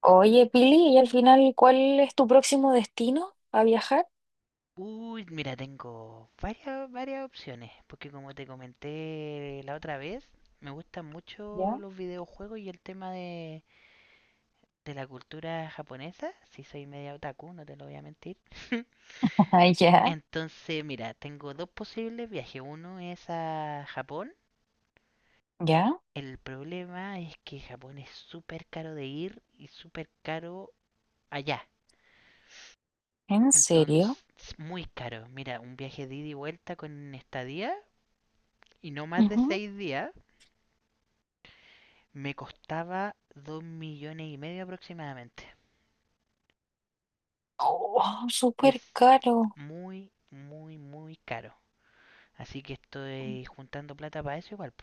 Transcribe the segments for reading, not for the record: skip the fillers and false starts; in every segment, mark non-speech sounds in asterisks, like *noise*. Oye, Pili, y al final, ¿cuál es tu próximo destino a viajar? Uy, mira, tengo varias opciones, porque como te comenté la otra vez, me gustan mucho ¿Ya? *laughs* los videojuegos y el tema de la cultura japonesa. Si soy media otaku, no te lo voy a mentir. *laughs* Ah, ya, Entonces, mira, tengo dos posibles viajes. Uno es a Japón. ya, El problema es que Japón es súper caro de ir y súper caro allá. ¿en serio? Entonces, muy caro. Mira, un viaje de ida y vuelta con estadía y no más de Ujú. 6 días. Me costaba 2,5 millones aproximadamente. Oh, Es súper caro. muy, muy, muy caro. Así que estoy juntando plata para eso igual.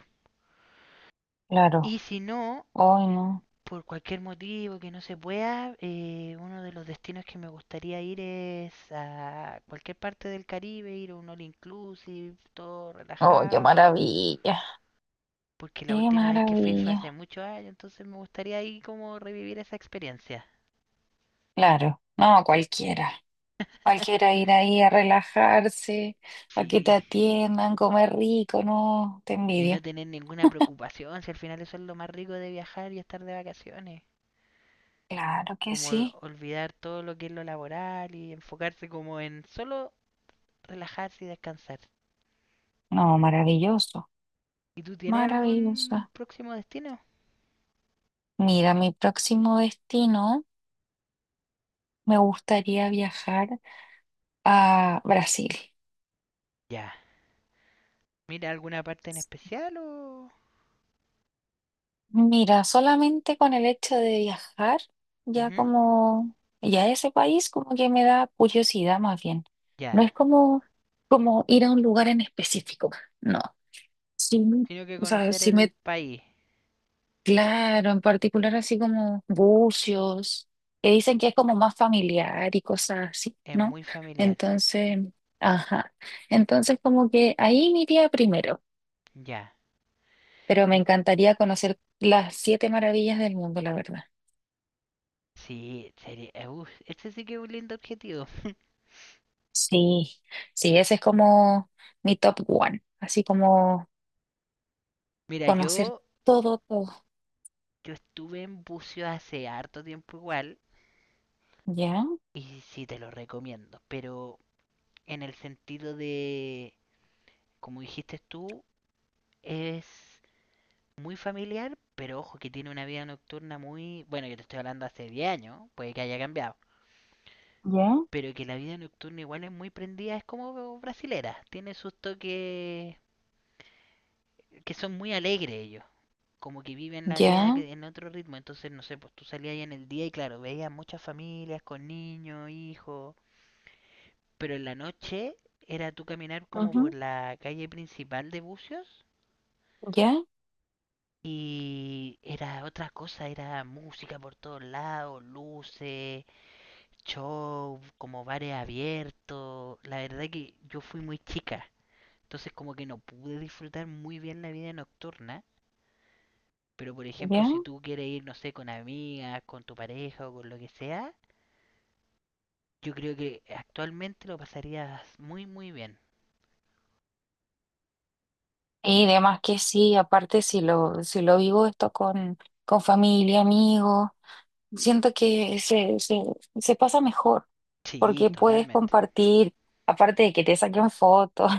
Claro, Y si no, ¡ay, no! por cualquier motivo que no se pueda, uno de los destinos que me gustaría ir es a cualquier parte del Caribe, ir a un all inclusive, todo Oh, qué relajado. maravilla, Porque la qué última vez que fui fue hace maravilla. muchos años, entonces me gustaría ahí como revivir esa experiencia. Claro, no, cualquiera. *laughs* Cualquiera ir ahí a relajarse, a que te Sí. atiendan, comer rico, no, te Y no envidio. tener ninguna preocupación, si al final eso es lo más rico de viajar y estar de vacaciones. Claro que Como sí. olvidar todo lo que es lo laboral y enfocarse como en solo relajarse y descansar. No, maravilloso, ¿Y tú tienes algún maravillosa. próximo destino? Mira, mi próximo destino. Me gustaría viajar a Brasil. Ya. ¿Mira alguna parte en especial o...? Mira, solamente con el hecho de viajar, ya Ujú. como, ya ese país como que me da curiosidad más bien. No Ya. es como, como ir a un lugar en específico, no. Sí, Tengo que o sea, conocer sí el me, país. claro, en particular así como Bucios, que dicen que es como más familiar y cosas así, Es ¿no? muy familiar. Entonces, ajá. Entonces como que ahí me iría primero. Ya. Pero me Mm. encantaría conocer las siete maravillas del mundo, la verdad. Sí, sería... este sí que es un lindo objetivo. *laughs* Sí, sí, ese es como mi top one, así como Mira, conocer yo, todo, todo. yo estuve en buceo hace harto tiempo igual. Ya, Y sí te lo recomiendo, pero en el sentido de, como dijiste tú, es muy familiar, pero ojo que tiene una vida nocturna muy... Bueno, yo te estoy hablando hace 10 años, puede que haya cambiado, ya, pero que la vida nocturna igual es muy prendida, es como brasilera, tiene sus toques que son muy alegres ellos, como que viven la vida ya, que- en otro ritmo, entonces no sé, pues tú salías ahí en el día y claro, veías muchas familias con niños, hijos. Pero en la noche era tú caminar como por ujú, la calle principal de Bucios ya, y era otra cosa, era música por todos lados, luces, show, como bares abiertos. La verdad que yo fui muy chica, entonces como que no pude disfrutar muy bien la vida nocturna. Pero por ejemplo, ya. si tú quieres ir, no sé, con amigas, con tu pareja o con lo que sea, yo creo que actualmente lo pasarías muy, muy bien. Y demás que sí, aparte si lo vivo esto con familia, amigos, siento que se, se pasa mejor Sí, porque puedes totalmente. compartir, aparte de que te saquen fotos.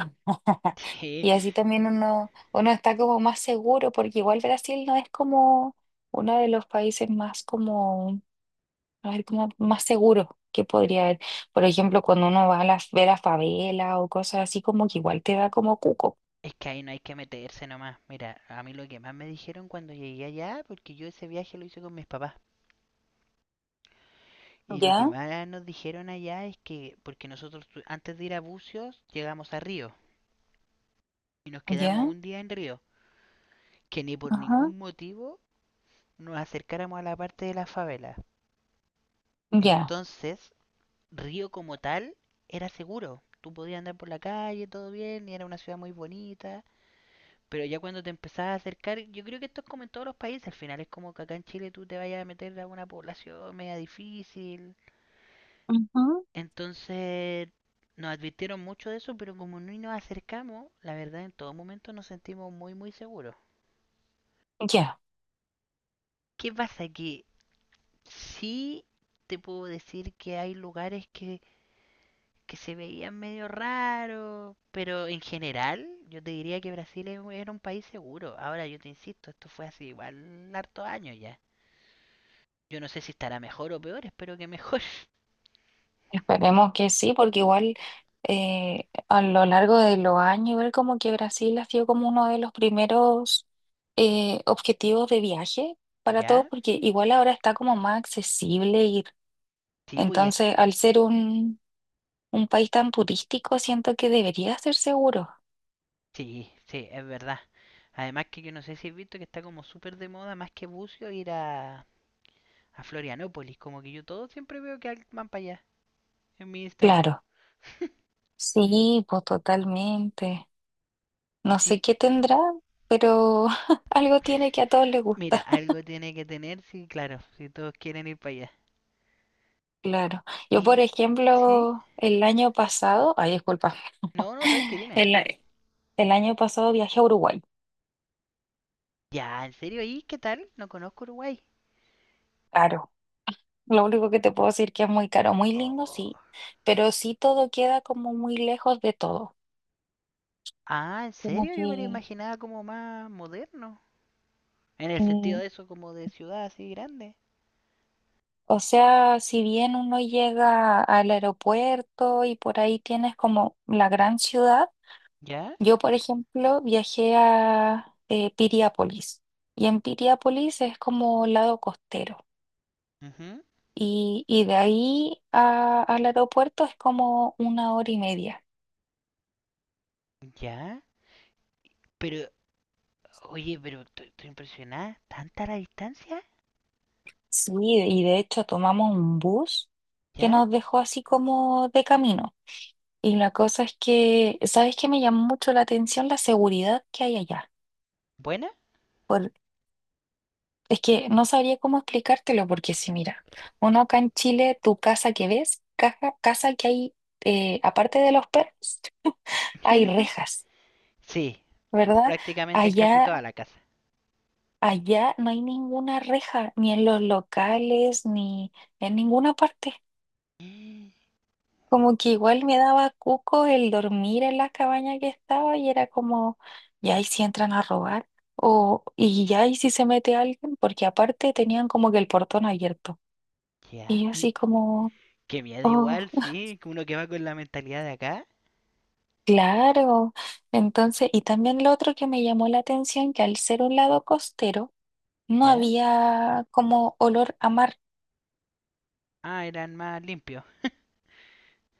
*laughs* Sí. Y así también uno está como más seguro, porque igual Brasil no es como uno de los países más como, a ver, como más seguros que podría haber. Por ejemplo, cuando uno va a ver a favela o cosas así, como que igual te da como cuco. Es que ahí no hay que meterse nomás. Mira, a mí lo que más me dijeron cuando llegué allá, porque yo ese viaje lo hice con mis papás, y lo que Ya, más nos dijeron allá es que, porque nosotros antes de ir a Bucios llegamos a Río y nos quedamos ya, un día en Río, que ni por ajá, ningún motivo nos acercáramos a la parte de la favela. ya, Entonces, Río como tal era seguro. Tú podías andar por la calle, todo bien, y era una ciudad muy bonita. Pero ya cuando te empezás a acercar, yo creo que esto es como en todos los países, al final es como que acá en Chile tú te vayas a meter a una población media difícil. ujú, Entonces nos advirtieron mucho de eso, pero como no nos acercamos, la verdad en todo momento nos sentimos muy muy seguros. ya. ¿Qué pasa? Que sí te puedo decir que hay lugares que se veían medio raros, pero en general yo te diría que Brasil era un país seguro. Ahora yo te insisto, esto fue hace igual harto años ya. Yo no sé si estará mejor o peor, espero que mejor. *laughs* Esperemos que sí, porque igual a lo largo de los años, igual como que Brasil ha sido como uno de los primeros objetivos de viaje para todos, ¿Ya? porque igual ahora está como más accesible ir. Sí, pues y Entonces, al ser un país tan turístico, siento que debería ser seguro. sí, sí, es verdad. Además que yo no sé si has visto que está como súper de moda, más que bucio, ir a Florianópolis. Como que yo todo siempre veo que van para allá, en mi Instagram. Claro, *laughs* sí, pues totalmente. Y No sé sí, qué tendrá, pero *laughs* algo tiene que a todos les mira, gusta. algo tiene que tener, sí, claro, si todos quieren ir para allá. Claro. Yo, por Y, sí, ejemplo, el año pasado, ay, disculpa. no, no, tranqui, dime. El, el año pasado viajé a Uruguay, Ya, ¿en serio? ¿Y qué tal? No conozco Uruguay. caro. Lo único que te puedo decir que es muy caro, muy lindo, Oh. sí, pero sí todo queda como muy lejos de todo. Ah, ¿en Como serio? que, Yo me lo imaginaba como más moderno. En el sentido mm, de eso, como de ciudad así grande. o sea, si bien uno llega al aeropuerto y por ahí tienes como la gran ciudad, ¿Ya? yo, por ejemplo, viajé a Piriápolis y en Piriápolis es como lado costero Ujú. y de ahí al aeropuerto es como una hora y media. ¿Ya? Pero, oye, pero estoy impresionada. ¿Tanta la distancia? Sí, y de hecho tomamos un bus que ¿Ya? nos dejó así como de camino. Y la cosa es que, ¿sabes qué me llamó mucho la atención? La seguridad que hay allá. ¿Buena? Por- es que no sabría cómo explicártelo, porque si mira, uno acá en Chile, tu casa que ves, caja, casa que hay, aparte de los perros, hay *laughs* rejas, Sí, ¿verdad? prácticamente en casi toda Allá, la casa. allá no hay ninguna reja, ni en los locales, ni en ninguna parte. *gasps* No. Como que igual me daba cuco el dormir en la cabaña que estaba y era como, ya y si entran a robar, o y ya y si se mete alguien, porque aparte tenían como que el portón abierto. Ya, Y yo así y como, que miedo oh, igual, sí, que uno que va con la mentalidad de acá, claro. Entonces, y también lo otro que me llamó la atención, que al ser un lado costero, no ¿ya? había como olor a mar. Ah, eran más limpios.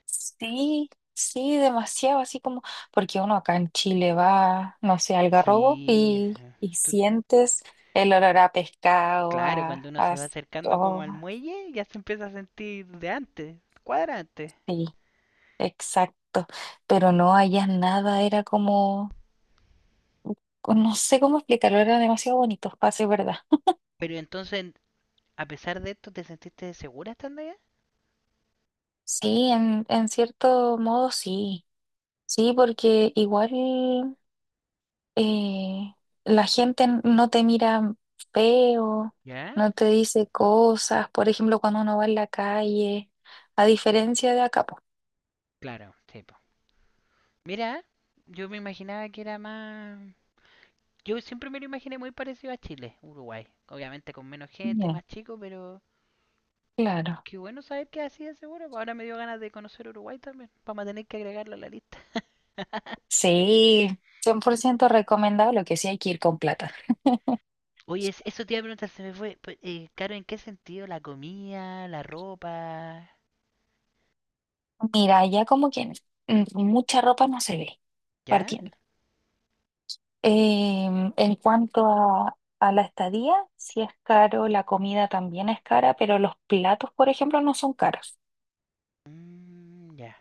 Sí, sí, demasiado, así como, porque uno acá en Chile va, no sé, al Algarrobo Sí, *laughs* y, y tú- sientes el olor a pescado, claro, cuando uno se va acercando como oh, al muelle, ya se empieza a sentir de antes, cuadra antes. sí, exacto, pero no allá nada, era como, pues, no sé cómo explicarlo, era demasiado bonito, para ser verdad. Pero entonces, a pesar de esto, ¿te sentiste segura estando allá? Sí, en cierto modo sí, sí, porque igual. eh, la gente no te mira feo, ¿Ya? no te dice cosas, por ejemplo, cuando uno va en la calle, a diferencia de acá, po. Claro, sí, po. Mira, yo me imaginaba que era más... Yo siempre me lo imaginé muy parecido a Chile, Uruguay. Obviamente con menos gente, Ya, más chico, pero claro. qué bueno saber que así es seguro, pues. Ahora me dio ganas de conocer Uruguay también. Vamos a tener que agregarlo a la lista. Sí, 100% recomendable, que sí hay que ir con plata. Oye, eso te iba a preguntar, se me fue. Claro, ¿en qué sentido? ¿La comida, la ropa? Mira, ya como que mucha ropa no se ve, ¿Ya? partiendo. En cuanto a la estadía, sí es caro, la comida también es cara, pero los platos, por ejemplo, no son caros. Mm, ya.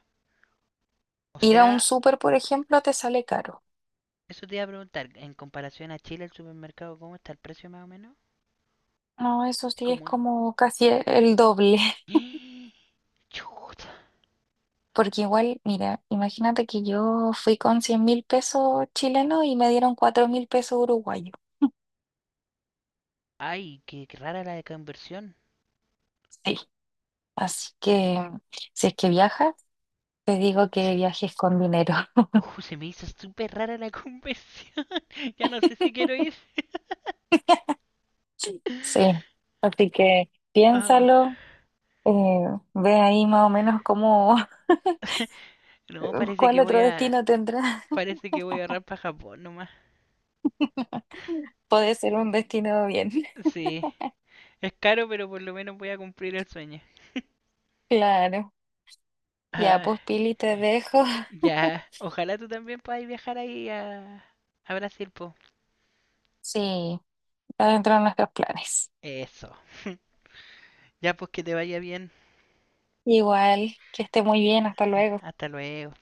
O Ir a un sea, súper, por ejemplo, te sale caro. eso te iba a preguntar, en comparación a Chile, el supermercado, ¿cómo está el precio más o menos? No, eso Es sí es como... como casi el doble, *laughs* *gasps* Chuta. porque igual, mira, imagínate que yo fui con 100.000 pesos chilenos y me dieron 4.000 pesos uruguayos. Ay, qué rara la conversión. Sí, así que si es que viajas, te digo que viajes con dinero. *laughs* Se me hizo súper rara la conversión. *laughs* Ya no sé si quiero ir. Sí. Sí, *laughs* así que Ah, piénsalo, eh, ve ahí más o menos cómo, no, *laughs* parece cuál que voy otro a. destino tendrás. *laughs* Parece que voy a ahorrar para Japón nomás. Puede ser un destino bien, *laughs* Sí. Es caro, pero por lo menos voy a cumplir el sueño. claro. Ya, Ah, pues Pili, te dejo. ya. Ojalá tú también puedas viajar ahí a Brasil, po. *laughs* Sí, está dentro de nuestros planes. Eso. Ya, pues que te vaya bien. Igual, que esté muy bien, hasta Ah, luego. hasta luego.